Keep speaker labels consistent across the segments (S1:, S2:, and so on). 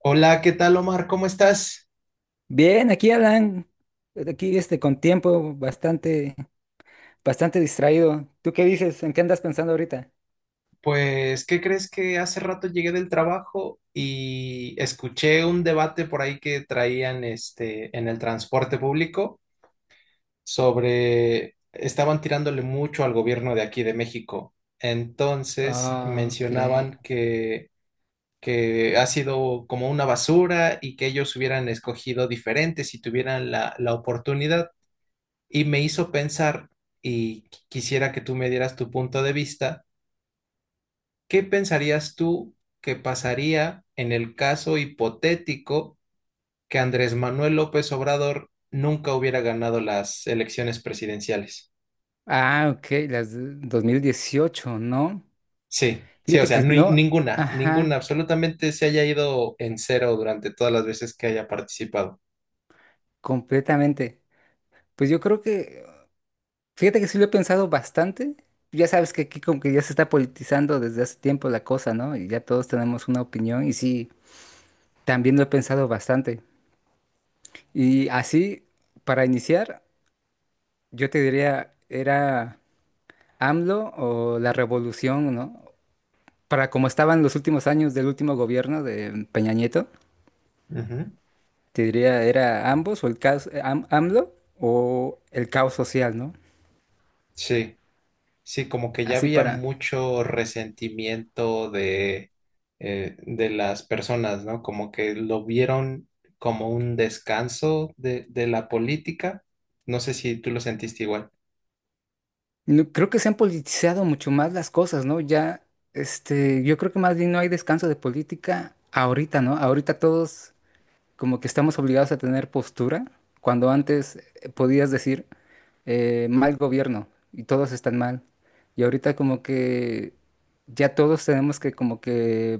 S1: Hola, ¿qué tal, Omar? ¿Cómo estás?
S2: Bien, aquí Alan, aquí este con tiempo bastante, bastante distraído. ¿Tú qué dices? ¿En qué andas pensando ahorita?
S1: Pues, ¿qué crees? Que hace rato llegué del trabajo y escuché un debate por ahí que traían en el transporte público sobre, estaban tirándole mucho al gobierno de aquí de México. Entonces
S2: Ah, ok.
S1: mencionaban que ha sido como una basura y que ellos hubieran escogido diferente si tuvieran la oportunidad. Y me hizo pensar, y quisiera que tú me dieras tu punto de vista. ¿Qué pensarías tú que pasaría en el caso hipotético que Andrés Manuel López Obrador nunca hubiera ganado las elecciones presidenciales?
S2: Ah, ok, las de 2018, ¿no?
S1: Sí, sí, o
S2: Fíjate
S1: sea,
S2: que no,
S1: ninguna, ninguna,
S2: ajá,
S1: absolutamente, se haya ido en cero durante todas las veces que haya participado.
S2: completamente. Pues yo creo que, fíjate que sí lo he pensado bastante. Ya sabes que aquí como que ya se está politizando desde hace tiempo la cosa, ¿no? Y ya todos tenemos una opinión y sí, también lo he pensado bastante. Y así, para iniciar. Yo te diría, era AMLO o la revolución, ¿no? Para como estaban los últimos años del último gobierno de Peña Nieto,
S1: Ujú.
S2: te diría, era ambos o el caos, AMLO o el caos social, ¿no?
S1: Sí. Sí, como que ya
S2: Así
S1: había
S2: para...
S1: mucho resentimiento de las personas, ¿no? Como que lo vieron como un descanso de la política. No sé si tú lo sentiste igual.
S2: Creo que se han politizado mucho más las cosas, ¿no? Ya, yo creo que más bien no hay descanso de política ahorita, ¿no? Ahorita todos como que estamos obligados a tener postura, cuando antes podías decir. Mal gobierno y todos están mal. Y ahorita como que ya todos tenemos que como que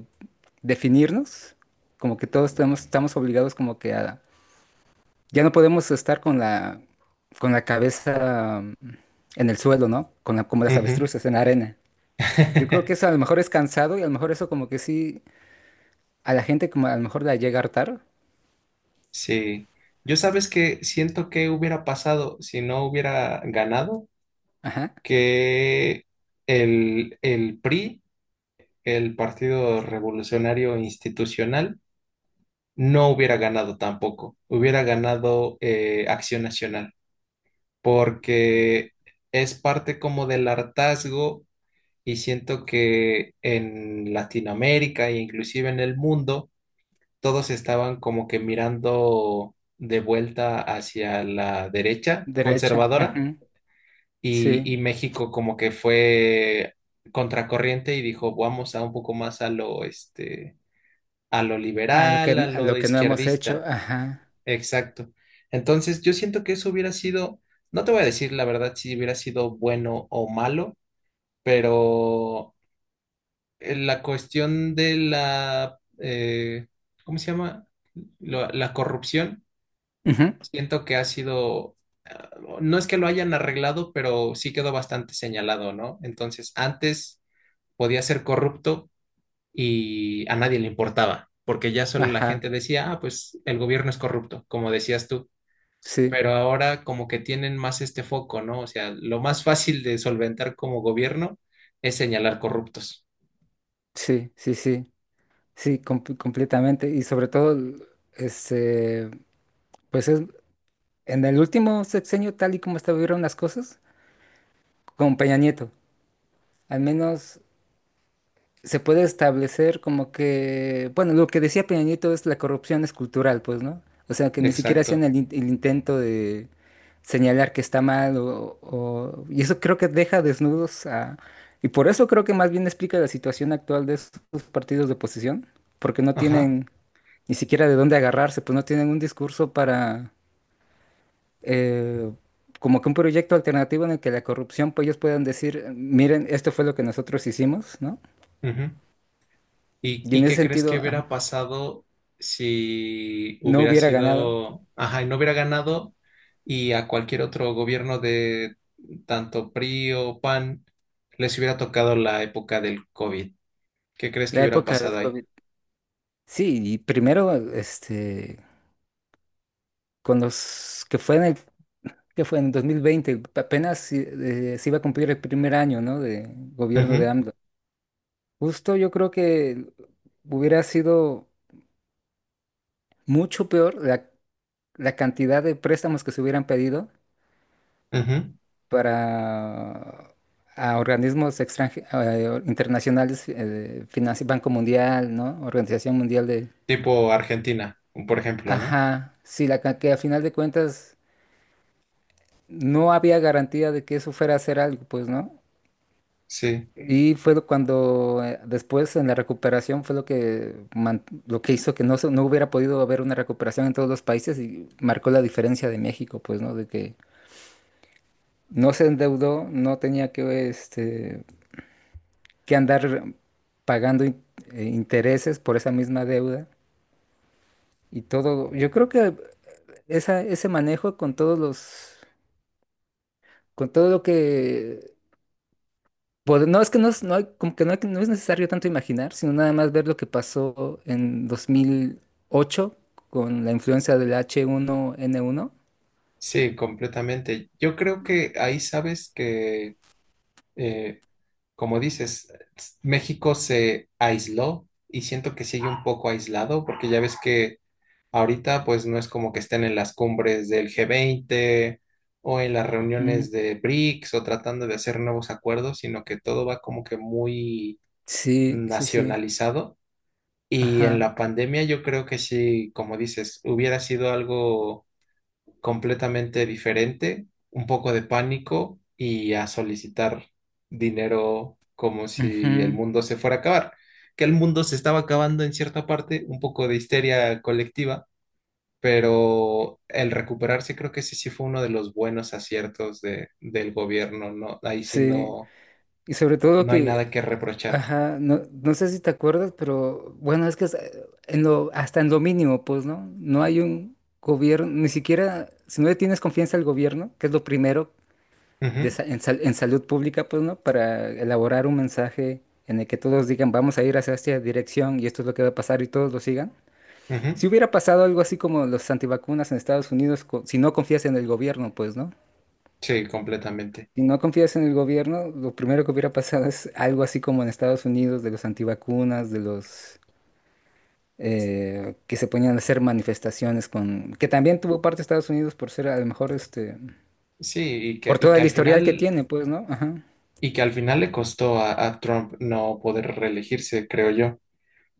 S2: definirnos, como que todos tenemos, estamos obligados como que a... Ya no podemos estar con la cabeza en el suelo, ¿no? Con la, como las
S1: Ujú.
S2: avestruces en la arena. Yo creo que eso a lo mejor es cansado y a lo mejor eso como que sí, a la gente como a lo mejor la llega a hartar.
S1: Sí. Yo, sabes que siento que hubiera pasado si no hubiera ganado,
S2: Ajá.
S1: que el PRI, el Partido Revolucionario Institucional, no hubiera ganado tampoco, hubiera ganado, Acción Nacional, porque es parte como del hartazgo, y siento que en Latinoamérica e inclusive en el mundo, todos estaban como que mirando de vuelta hacia la derecha
S2: Derecha,
S1: conservadora,
S2: ujú. Sí.
S1: y México como que fue contracorriente y dijo, vamos a un poco más a lo, a lo
S2: A lo que,
S1: liberal, a
S2: a
S1: lo
S2: lo que no hemos hecho.
S1: izquierdista.
S2: Ajá,
S1: Exacto. Entonces, yo siento que eso hubiera sido, no te voy a decir la verdad si hubiera sido bueno o malo, pero en la cuestión de la, ¿cómo se llama? La corrupción,
S2: ujú.
S1: siento que ha sido, ah, no es que lo hayan arreglado, pero sí quedó bastante señalado, ¿no? Entonces, antes podía ser corrupto y a nadie le importaba, porque ya solo la
S2: Ajá.
S1: gente decía, ah, pues el gobierno es corrupto, como decías tú.
S2: Sí,
S1: Pero ahora como que tienen más foco, ¿no? O sea, lo más fácil de solventar como gobierno es señalar corruptos.
S2: sí, sí, sí, sí, completamente. Y sobre todo, este, pues en el último sexenio, tal y como estuvieron las cosas, con Peña Nieto, al menos, se puede establecer como que, bueno, lo que decía Peña, es la corrupción es cultural, pues, ¿no? O sea, que ni siquiera hacían
S1: Exacto.
S2: el intento de señalar que está mal Y eso creo que deja desnudos a... Y por eso creo que más bien explica la situación actual de estos partidos de oposición, porque no
S1: Ajá.
S2: tienen ni siquiera de dónde agarrarse, pues no tienen un discurso para... eh, como que un proyecto alternativo en el que la corrupción, pues ellos puedan decir, miren, esto fue lo que nosotros hicimos, ¿no?
S1: Ujú.
S2: Y
S1: Y
S2: en ese
S1: qué crees que
S2: sentido...
S1: hubiera pasado si
S2: no
S1: hubiera
S2: hubiera ganado
S1: sido, ajá, y no hubiera ganado, y a cualquier otro gobierno de tanto PRI o PAN les hubiera tocado la época del COVID? ¿Qué crees que
S2: la
S1: hubiera
S2: época del
S1: pasado ahí?
S2: COVID. Sí, y primero, con los que fue que fue en 2020 apenas si, se iba a cumplir el 1.er año, ¿no? De gobierno
S1: Ujú,
S2: de AMLO. Justo yo creo que hubiera sido mucho peor la cantidad de préstamos que se hubieran pedido
S1: ujú.
S2: para a organismos internacionales, Banco Mundial, ¿no? Organización Mundial de...
S1: Tipo Argentina, por ejemplo, ¿no?
S2: Ajá, sí, que a final de cuentas no había garantía de que eso fuera a hacer algo, pues, ¿no?
S1: Sí.
S2: Y fue cuando después en la recuperación fue lo que hizo que no hubiera podido haber una recuperación en todos los países y marcó la diferencia de México, pues, ¿no? De que no se endeudó, no tenía que andar pagando intereses por esa misma deuda y todo. Yo creo que ese manejo con todos los, con todo lo que... Pues, no, es que no es, no hay- como que no, no es necesario tanto imaginar, sino nada más ver lo que pasó en 2008 con la influencia del H1N1.
S1: Sí, completamente. Yo creo que ahí, sabes que, eh, como dices, México se aisló y siento que sigue un poco aislado porque ya ves que ahorita pues no es como que estén en las cumbres del G20 o en las
S2: Ujú.
S1: reuniones de BRICS, o tratando de hacer nuevos acuerdos, sino que todo va como que muy
S2: Sí, sí, sí.
S1: nacionalizado. Y en
S2: Ajá,
S1: la pandemia yo creo que sí, como dices, hubiera sido algo completamente diferente, un poco de pánico y a solicitar dinero como si el
S2: ujú.
S1: mundo se fuera a acabar. Que el mundo se estaba acabando en cierta parte, un poco de histeria colectiva, pero el recuperarse creo que ese sí fue uno de los buenos aciertos de, del gobierno, ¿no? Ahí sí
S2: Sí.
S1: no,
S2: Y sobre todo
S1: no hay
S2: que,
S1: nada que reprochar.
S2: ajá, no, no sé si te acuerdas, pero bueno, es que en lo, hasta en lo mínimo, pues, ¿no? No hay un gobierno, ni siquiera, si no le tienes confianza al gobierno, que es lo primero de sa- en, sal- en salud pública, pues, ¿no? Para elaborar un mensaje en el que todos digan, vamos a ir hacia esta dirección y esto es lo que va a pasar y todos lo sigan.
S1: Ujú, ujú.
S2: Si hubiera pasado algo así como los antivacunas en Estados Unidos, si no confías en el gobierno, pues, ¿no?
S1: Sí, completamente.
S2: Si no confías en el gobierno, lo primero que hubiera pasado es algo así como en Estados Unidos de los antivacunas, de los que se ponían a hacer manifestaciones con, que también tuvo parte Estados Unidos por ser a lo mejor
S1: Sí,
S2: por
S1: y
S2: todo
S1: que
S2: el
S1: al
S2: historial que
S1: final...
S2: tiene, pues, ¿no? Ajá.
S1: Y que al final le costó a Trump no poder reelegirse, creo yo.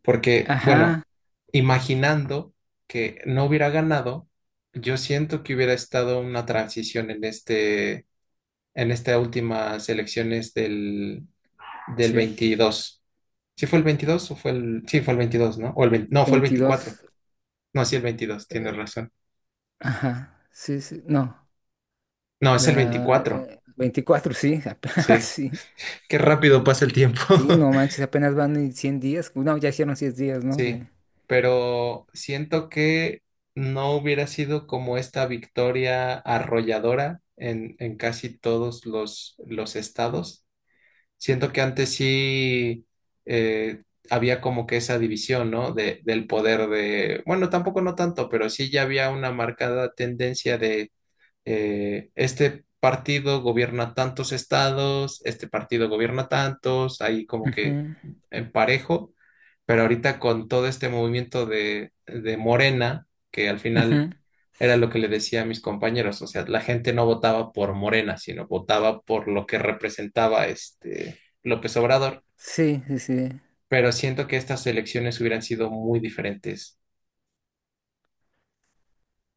S1: Porque,
S2: Ajá,
S1: bueno, imaginando que no hubiera ganado, yo siento que hubiera estado una transición en este, en estas últimas elecciones del, del
S2: sí.
S1: 22. ¿Sí fue el 22 o fue el...? Sí, fue el veintidós, ¿no? O el 20. No, fue el 24.
S2: Veintidós.
S1: No, sí, el veintidós, tienes
S2: Eh,
S1: razón.
S2: Ajá, sí, sí, no,
S1: No, es el
S2: la
S1: 24.
S2: 24, sí, apenas,
S1: Sí.
S2: sí,
S1: Qué rápido pasa el tiempo.
S2: sí, no manches, apenas van y 100 días, no, ya hicieron 100 días, ¿no?
S1: Sí,
S2: De...
S1: pero siento que no hubiera sido como esta victoria arrolladora en casi todos los estados. Siento que antes sí, eh, había como que esa división, ¿no? Del poder de, bueno, tampoco no tanto, pero sí ya había una marcada tendencia de, este partido gobierna tantos estados, este partido gobierna tantos, ahí como que
S2: Ujú,
S1: en parejo, pero ahorita con todo este movimiento de Morena, que al final
S2: ujú.
S1: era lo que le decía a mis compañeros, o sea, la gente no votaba por Morena, sino votaba por lo que representaba López Obrador,
S2: Sí, sí, sí,
S1: pero siento que estas elecciones hubieran sido muy diferentes.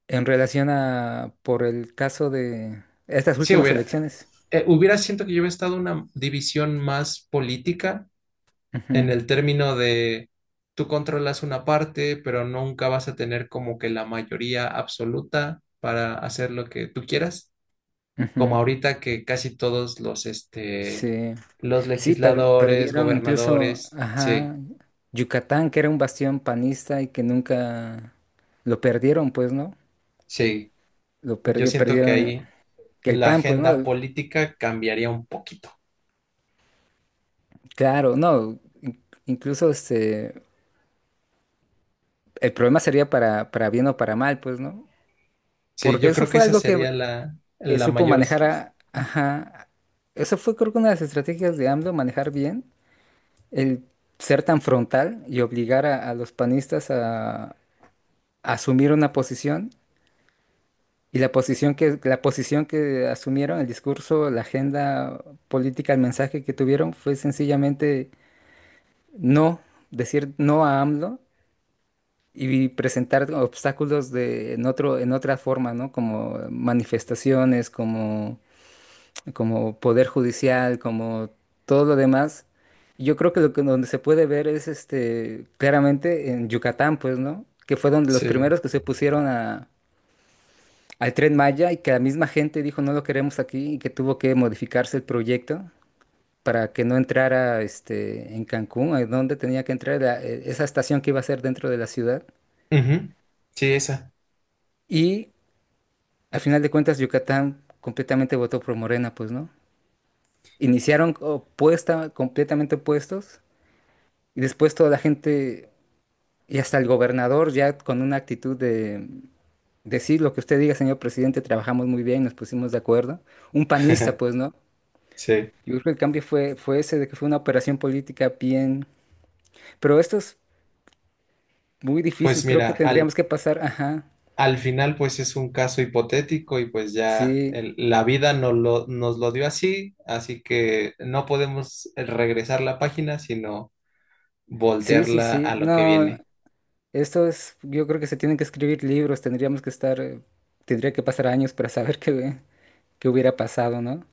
S2: en relación a, por el caso de estas
S1: Sí,
S2: últimas
S1: hubiera,
S2: elecciones,
S1: siento que yo hubiera estado una división más política en
S2: ujú,
S1: el término de, tú controlas una parte, pero nunca vas a tener como que la mayoría absoluta para hacer lo que tú quieras,
S2: ujú.
S1: como ahorita que casi todos los,
S2: Sí,
S1: los
S2: sí,
S1: legisladores,
S2: perdieron incluso,
S1: gobernadores, sí,
S2: ajá, Yucatán, que era un bastión panista y que nunca lo perdieron, pues, ¿no?
S1: sí, yo siento que
S2: Perdieron,
S1: ahí
S2: que el
S1: la
S2: PAN, pues, ¿no?
S1: agenda política cambiaría un poquito.
S2: Claro, no, incluso el problema sería para bien o para mal, pues, ¿no?
S1: Sí,
S2: Porque
S1: yo
S2: eso
S1: creo que
S2: fue
S1: esa
S2: algo que,
S1: sería la,
S2: que
S1: la
S2: supo
S1: mayor,
S2: manejar a, ajá, eso fue creo que una de las estrategias de AMLO, manejar bien, el ser tan frontal y obligar a los panistas a asumir una posición y la posición que asumieron, el discurso, la agenda política, el mensaje que tuvieron fue sencillamente no, decir no a AMLO y presentar obstáculos en otra forma, ¿no? Como manifestaciones, como poder judicial, como todo lo demás. Yo creo que lo que donde se puede ver es claramente en Yucatán, pues, ¿no? Que fue donde los
S1: sí.
S2: primeros que se pusieron al Tren Maya y que la misma gente dijo no lo queremos aquí y que tuvo que modificarse el proyecto para que no entrara este en Cancún, a donde tenía que entrar esa estación que iba a ser dentro de la ciudad.
S1: Ujú. Sí, esa.
S2: Y al final de cuentas, Yucatán completamente votó por Morena, pues, ¿no? Iniciaron opuesta, completamente opuestos, y después toda la gente, y hasta el gobernador, ya con una actitud de decir, lo que usted diga, señor presidente, trabajamos muy bien, nos pusimos de acuerdo. Un panista, pues, ¿no?
S1: Sí.
S2: Yo creo que el cambio fue, fue ese, de que fue una operación política bien. Pero esto es muy
S1: Pues
S2: difícil, creo que
S1: mira, al,
S2: tendríamos que pasar, ajá,
S1: al final pues es un caso hipotético y pues ya
S2: sí,
S1: la vida nos lo dio así, así que no podemos regresar la página, sino
S2: sí, sí,
S1: voltearla a
S2: sí.
S1: lo que
S2: No,
S1: viene.
S2: esto es, yo creo que se tienen que escribir libros, tendríamos que estar, tendría que pasar años para saber qué, hubiera pasado, ¿no?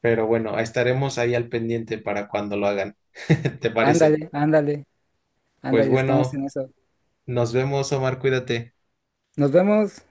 S1: Pero bueno, estaremos ahí al pendiente para cuando lo hagan. ¿Te parece?
S2: Ándale, ándale,
S1: Pues
S2: ándale, estamos en
S1: bueno,
S2: eso.
S1: nos vemos, Omar, cuídate.
S2: Nos vemos.